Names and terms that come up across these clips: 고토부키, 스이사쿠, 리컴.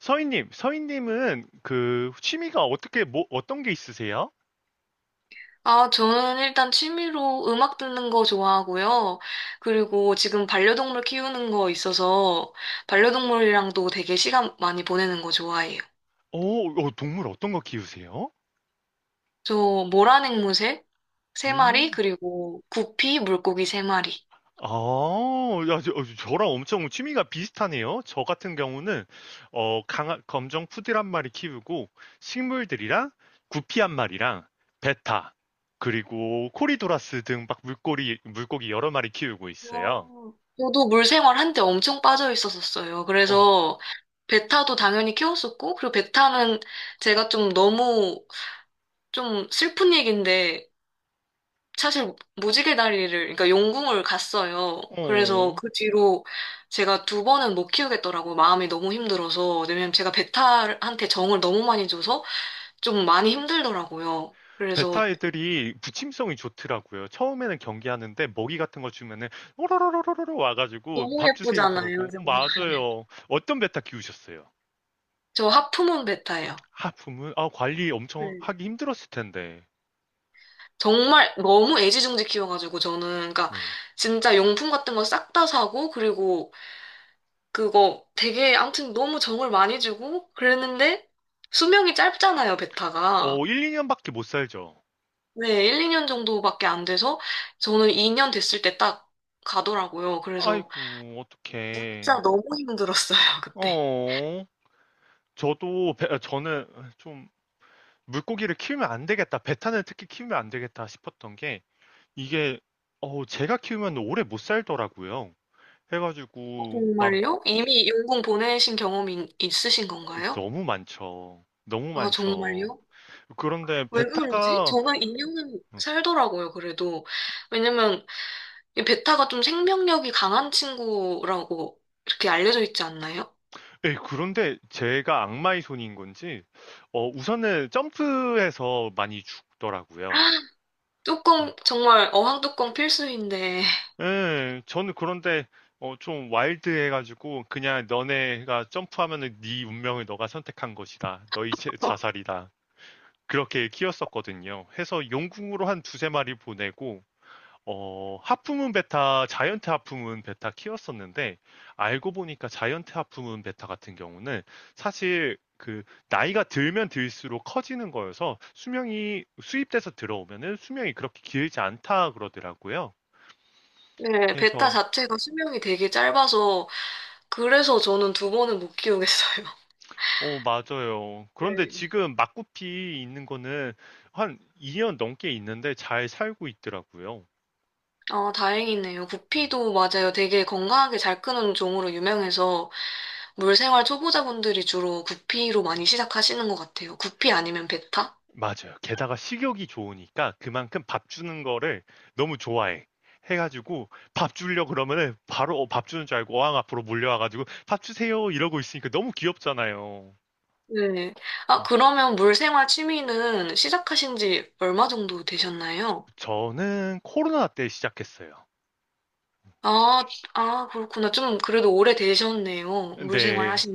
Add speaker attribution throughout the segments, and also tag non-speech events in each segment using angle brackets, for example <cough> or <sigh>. Speaker 1: 서인님은 그 취미가 어떻게 뭐 어떤 게 있으세요?
Speaker 2: 아, 저는 일단 취미로 음악 듣는 거 좋아하고요. 그리고 지금 반려동물 키우는 거 있어서 반려동물이랑도 되게 시간 많이 보내는 거 좋아해요.
Speaker 1: 오, 동물 어떤 거 키우세요?
Speaker 2: 저 모란 앵무새 세 마리,
Speaker 1: 음,
Speaker 2: 그리고 구피 물고기 세 마리.
Speaker 1: 아, 야, 저랑 엄청 취미가 비슷하네요. 저 같은 경우는 검정 푸들 한 마리 키우고, 식물들이랑 구피 한 마리랑 베타, 그리고 코리도라스 등 막 물고기 여러 마리 키우고
Speaker 2: 와,
Speaker 1: 있어요.
Speaker 2: 저도 물생활 한때 엄청 빠져 있었었어요.
Speaker 1: 어,
Speaker 2: 그래서 베타도 당연히 키웠었고, 그리고 베타는 제가 좀 너무 좀 슬픈 얘기인데 사실 무지개 다리를, 그러니까 용궁을 갔어요. 그래서
Speaker 1: 어.
Speaker 2: 그 뒤로 제가 두 번은 못 키우겠더라고요. 마음이 너무 힘들어서. 왜냐면 제가 베타한테 정을 너무 많이 줘서 좀 많이 힘들더라고요. 그래서
Speaker 1: 베타 애들이 부침성이 좋더라고요. 처음에는 경계하는데 먹이 같은 거 주면은 오로로로로로 와가지고
Speaker 2: 너무
Speaker 1: "밥 주세요"
Speaker 2: 예쁘잖아요,
Speaker 1: 그러고,
Speaker 2: 정말.
Speaker 1: 맞아요. 어떤 베타 키우셨어요?
Speaker 2: 저 하프문 베타예요.
Speaker 1: 아 부모 아 관리 엄청
Speaker 2: 네.
Speaker 1: 하기 힘들었을 텐데.
Speaker 2: 정말 너무 애지중지 키워가지고 저는, 그러니까
Speaker 1: 네.
Speaker 2: 진짜 용품 같은 거 싹 다 사고, 그리고 그거 되게 아무튼 너무 정을 많이 주고 그랬는데 수명이 짧잖아요, 베타가.
Speaker 1: 1, 2년밖에 못 살죠.
Speaker 2: 네, 1, 2년 정도밖에 안 돼서 저는 2년 됐을 때 딱 가더라고요. 그래서
Speaker 1: 아이고 어떡해.
Speaker 2: 진짜 너무 힘들었어요, <laughs> 그때.
Speaker 1: 어 저도 저는 좀 물고기를 키우면 안 되겠다, 베타는 특히 키우면 안 되겠다 싶었던 게, 이게 제가 키우면 오래 못 살더라고요.
Speaker 2: 어,
Speaker 1: 해가지고 막
Speaker 2: 정말요? 이미 용궁 보내신 경험이 있으신 건가요?
Speaker 1: 너무 많죠. 너무
Speaker 2: 아,
Speaker 1: 많죠.
Speaker 2: 정말요?
Speaker 1: 그런데
Speaker 2: 왜 그러지?
Speaker 1: 베타가
Speaker 2: 저는 2년은
Speaker 1: 음,
Speaker 2: 살더라고요, 그래도. 왜냐면 이 베타가 좀 생명력이 강한 친구라고 이렇게 알려져 있지 않나요?
Speaker 1: 에이, 그런데 제가 악마의 손인 건지, 우선은 점프해서 많이 죽더라고요.
Speaker 2: <gasps>
Speaker 1: 음.
Speaker 2: 뚜껑, 정말 어항 뚜껑 필수인데.
Speaker 1: 예, 저는, 그런데 좀 와일드해가지고 그냥 너네가 점프하면은 네 운명을 너가 선택한 것이다, 너희 자살이다, 그렇게 키웠었거든요. 해서 용궁으로 한 두세 마리 보내고, 하프문 베타, 자이언트 하프문 베타 키웠었는데, 알고 보니까 자이언트 하프문 베타 같은 경우는 사실 그 나이가 들면 들수록 커지는 거여서 수명이, 수입돼서 들어오면은 수명이 그렇게 길지 않다 그러더라고요.
Speaker 2: 네, 베타
Speaker 1: 그래서
Speaker 2: 자체가 수명이 되게 짧아서 그래서 저는 두 번은 못 키우겠어요. <laughs>
Speaker 1: 맞아요. 그런데
Speaker 2: 네.
Speaker 1: 지금 막구피 있는 거는 한 2년 넘게 있는데 잘 살고 있더라고요.
Speaker 2: 아, 다행이네요. 구피도 맞아요. 되게 건강하게 잘 크는 종으로 유명해서 물생활 초보자분들이 주로 구피로 많이 시작하시는 것 같아요. 구피 아니면 베타?
Speaker 1: 맞아요. 게다가 식욕이 좋으니까 그만큼 밥 주는 거를 너무 좋아해. 해 가지고 밥 주려 그러면은 바로 밥 주는 줄 알고 어항 앞으로 몰려와 가지고 "밥 주세요." 이러고 있으니까 너무 귀엽잖아요.
Speaker 2: 네. 아,
Speaker 1: 음
Speaker 2: 그러면 물생활 취미는 시작하신 지 얼마 정도 되셨나요?
Speaker 1: 저는 코로나 때 시작했어요.
Speaker 2: 아, 아, 그렇구나. 좀 그래도 오래 되셨네요. 물생활
Speaker 1: 근데
Speaker 2: 하신.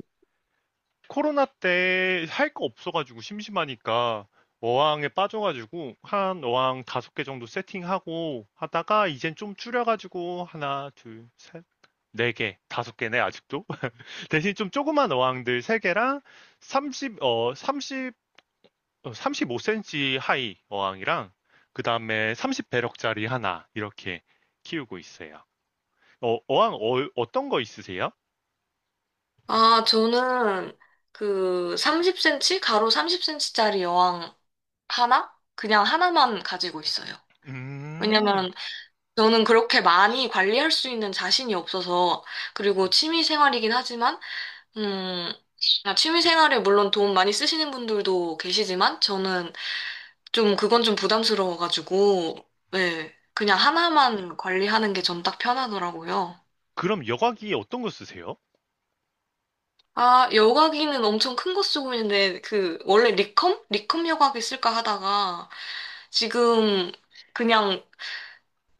Speaker 1: 코로나 때 할 거 없어 가지고 심심하니까 어항에 빠져 가지고, 한 어항 다섯 개 정도 세팅하고 하다가 이젠 좀 줄여 가지고, 하나 둘 셋 네 개, 다섯 개네 아직도. 대신 좀 조그만 어항들 세 개랑 30, 35cm 하이 어항이랑, 그 다음에 30배럭짜리 하나, 이렇게 키우고 있어요. 어항 떤거 있으세요?
Speaker 2: 아, 저는 그 30cm? 가로 30cm짜리 여왕 하나? 그냥 하나만 가지고 있어요.
Speaker 1: 음,
Speaker 2: 왜냐면 저는 그렇게 많이 관리할 수 있는 자신이 없어서, 그리고 취미 생활이긴 하지만, 음, 취미 생활에 물론 돈 많이 쓰시는 분들도 계시지만, 저는 좀 그건 좀 부담스러워가지고, 네, 그냥 하나만 관리하는 게 전 딱 편하더라고요.
Speaker 1: 그럼 여과기 어떤 거 쓰세요?
Speaker 2: 아, 여과기는 엄청 큰 거 쓰고 있는데, 그, 원래 리컴? 리컴 여과기 쓸까 하다가, 지금 그냥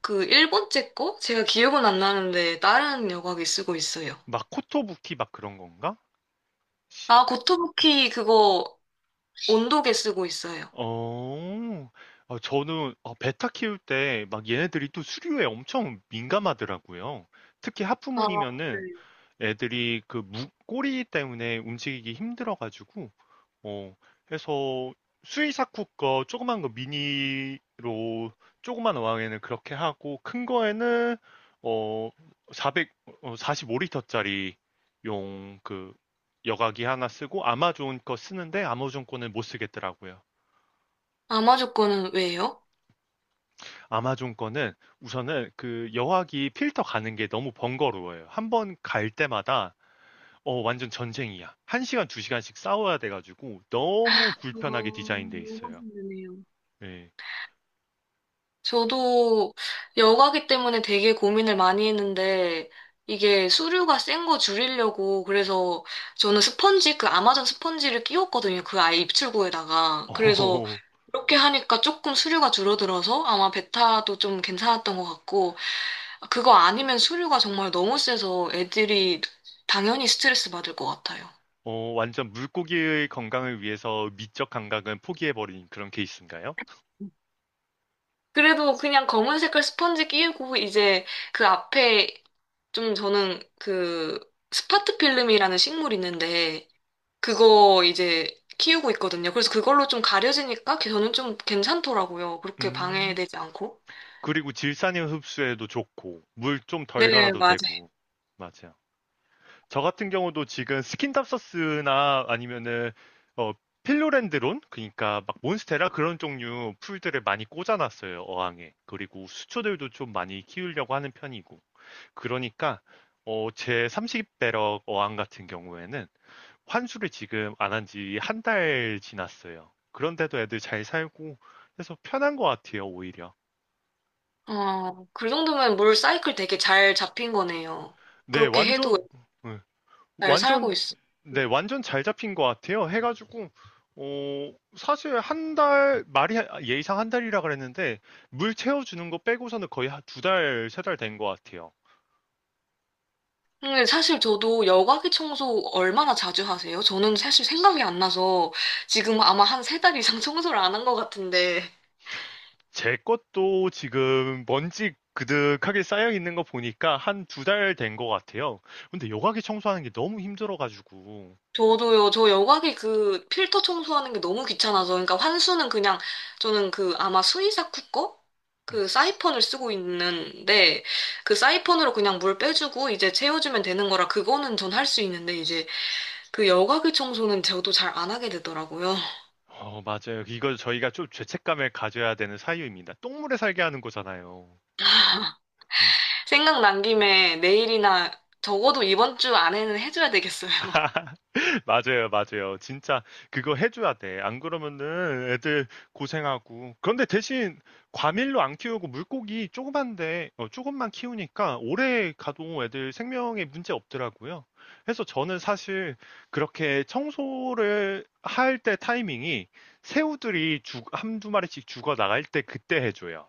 Speaker 2: 그 일본제 거? 제가 기억은 안 나는데 다른 여과기 쓰고 있어요.
Speaker 1: 막 코토부키 막 그런 건가? 시-
Speaker 2: 아, 고토부키 그거 온도계 쓰고 있어요.
Speaker 1: 어, 저는 베타 키울 때 막 얘네들이 또 수류에 엄청 민감하더라고요. 특히
Speaker 2: 아, 네.
Speaker 1: 하프문이면은 애들이 그 꼬리 때문에 움직이기 힘들어가지고 어 해서 수이사쿠 거 조그만 거 미니로 조그만 어항에는 그렇게 하고, 큰 거에는 어 4 0 45리터짜리 용, 그 여과기 하나 쓰고 아마존 거 쓰는데, 아마존 거는 못 쓰겠더라고요.
Speaker 2: 아마조 거는 왜요?
Speaker 1: 아마존 거는 우선은 그 여과기 필터 가는 게 너무 번거로워요. 한 번 갈 때마다 완전 전쟁이야. 1시간, 2시간씩 싸워야 돼가지고 너무 불편하게
Speaker 2: 어,
Speaker 1: 디자인돼
Speaker 2: 너무
Speaker 1: 있어요.
Speaker 2: 힘드네요.
Speaker 1: 네.
Speaker 2: 저도 여과기 때문에 되게 고민을 많이 했는데 이게 수류가 센 거 줄이려고 그래서 저는 스펀지 그 아마존 스펀지를 끼웠거든요. 그 아이 입출구에다가. 그래서
Speaker 1: 어,
Speaker 2: 이렇게 하니까 조금 수류가 줄어들어서 아마 베타도 좀 괜찮았던 것 같고, 그거 아니면 수류가 정말 너무 세서 애들이 당연히 스트레스 받을 것 같아요.
Speaker 1: 완전 물고기의 건강을 위해서 미적 감각은 포기해버린 그런 케이스인가요?
Speaker 2: 그래도 그냥 검은 색깔 스펀지 끼우고 이제 그 앞에 좀 저는 그 스파트 필름이라는 식물이 있는데 그거 이제 키우고 있거든요. 그래서 그걸로 좀 가려지니까 저는 좀 괜찮더라고요. 그렇게
Speaker 1: 음,
Speaker 2: 방해되지 않고.
Speaker 1: 그리고 질산염 흡수에도 좋고, 물 좀
Speaker 2: 네,
Speaker 1: 덜 갈아도
Speaker 2: 맞아요.
Speaker 1: 되고. 맞아. 저 같은 경우도 지금 스킨답서스나 아니면은 어, 필로렌드론, 그러니까 막 몬스테라 그런 종류 풀들을 많이 꽂아놨어요 어항에. 그리고 수초들도 좀 많이 키우려고 하는 편이고. 그러니까 제 30배럭 어항 같은 경우에는 환수를 지금 안한지 한 달 지났어요. 그런데도 애들 잘 살고, 해서 편한 것 같아요, 오히려.
Speaker 2: 어, 그 정도면 물 사이클 되게 잘 잡힌 거네요.
Speaker 1: 네,
Speaker 2: 그렇게
Speaker 1: 완전.
Speaker 2: 해도
Speaker 1: 네,
Speaker 2: 잘 살고
Speaker 1: 완전.
Speaker 2: 있어요.
Speaker 1: 네, 완전 잘 잡힌 것 같아요. 해가지고, 사실 한 달, 말이 예의상 한 달이라 그랬는데, 물 채워주는 거 빼고서는 거의 한 두 달, 세 달 된 것 같아요.
Speaker 2: 근데 사실 저도 여과기 청소 얼마나 자주 하세요? 저는 사실 생각이 안 나서 지금 아마 한 세 달 이상 <laughs> 청소를 안 한 것 같은데.
Speaker 1: 제 것도 지금 먼지 그득하게 쌓여 있는 거 보니까 한 두 달 된 것 같아요. 근데 여과기 청소하는 게 너무 힘들어가지고.
Speaker 2: 저도요, 저 여과기 그 필터 청소하는 게 너무 귀찮아서. 그러니까 환수는 그냥 저는 그 아마 스이사쿠 거?
Speaker 1: 음,
Speaker 2: 그 사이펀을 쓰고 있는데 그 사이펀으로 그냥 물 빼주고 이제 채워주면 되는 거라 그거는 전 할 수 있는데 이제 그 여과기 청소는 저도 잘 안 하게 되더라고요.
Speaker 1: 맞아요. 이거 저희가 좀 죄책감을 가져야 되는 사유입니다. 똥물에 살게 하는 거잖아요. 음.
Speaker 2: 생각난 김에 내일이나 적어도 이번 주 안에는 해줘야 되겠어요.
Speaker 1: <laughs> 맞아요, 맞아요. 진짜 그거 해줘야 돼. 안 그러면은 애들 고생하고. 그런데 대신 과밀로 안 키우고 물고기 조그만데, 조금만 키우니까 오래 가도 애들 생명에 문제 없더라고요. 그래서 저는 사실 그렇게 청소를 할 때 타이밍이, 새우들이 죽, 한두 마리씩 죽어 나갈 때 그때 해줘요.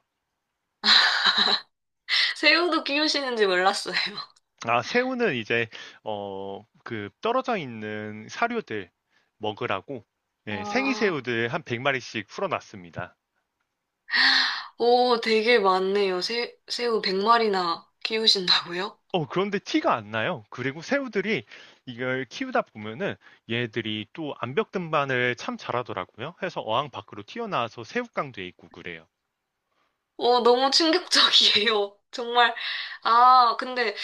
Speaker 2: <laughs> 새우도 키우시는지 몰랐어요.
Speaker 1: 아, 새우는 이제 그 떨어져 있는 사료들 먹으라고, 예, 생이
Speaker 2: 와,
Speaker 1: 새우들 한 100 마리씩 풀어 놨습니다.
Speaker 2: 오, 되게 많네요. 새우 100마리나 키우신다고요?
Speaker 1: 그런데 티가 안 나요. 그리고 새우들이 이걸 키우다 보면은 얘들이 또 암벽 등반을 참 잘하더라고요. 해서 어항 밖으로 튀어나와서 새우깡도 있고 그래요.
Speaker 2: 오, 너무 충격적이에요. <laughs> 정말. 아, 근데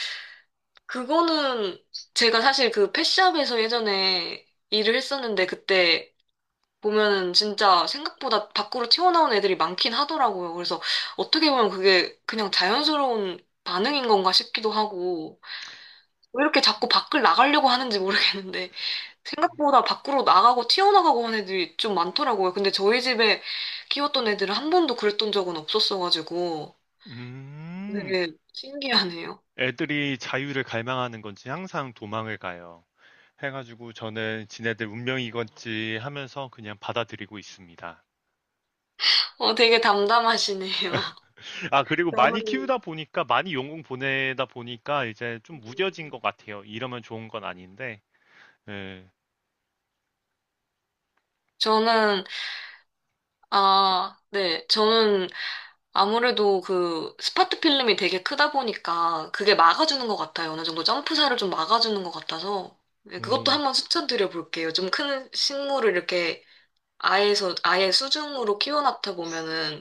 Speaker 2: 그거는 제가 사실 그 펫샵에서 예전에 일을 했었는데 그때 보면은 진짜 생각보다 밖으로 튀어나온 애들이 많긴 하더라고요. 그래서 어떻게 보면 그게 그냥 자연스러운 반응인 건가 싶기도 하고, 왜 이렇게 자꾸 밖을 나가려고 하는지 모르겠는데, 생각보다 밖으로 나가고 튀어나가고 하는 애들이 좀 많더라고요. 근데 저희 집에 키웠던 애들은 한 번도 그랬던 적은 없었어가지고,
Speaker 1: 음.
Speaker 2: 되게 신기하네요.
Speaker 1: 애들이 자유를 갈망하는 건지 항상 도망을 가요. 해 가지고 저는 '지네들 운명이건지' 하면서 그냥 받아들이고 있습니다.
Speaker 2: 어, 되게 담담하시네요. <laughs>
Speaker 1: 아, 그리고 많이
Speaker 2: 저는
Speaker 1: 키우다 보니까, 많이 용궁 보내다 보니까 이제 좀 무뎌진 것
Speaker 2: 음,
Speaker 1: 같아요. 이러면 좋은 건 아닌데. 예.
Speaker 2: 저는, 아, 네. 저는 아무래도 그 스파트 필름이 되게 크다 보니까 그게 막아주는 것 같아요. 어느 정도 점프사를 좀 막아주는 것 같아서. 네, 그것도
Speaker 1: 음,
Speaker 2: 한번 추천드려 볼게요. 좀 큰 식물을 이렇게 아예서, 아예 수중으로 키워놨다 보면은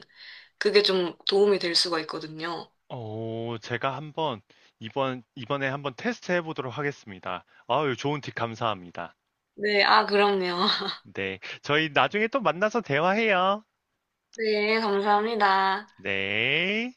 Speaker 2: 그게 좀 도움이 될 수가 있거든요.
Speaker 1: 제가 이번에 한번 테스트 해보도록 하겠습니다. 아유, 좋은 팁 감사합니다.
Speaker 2: 네, 아, 그럼요. <laughs>
Speaker 1: 네. 저희 나중에 또 만나서 대화해요.
Speaker 2: 네, 감사합니다.
Speaker 1: 네.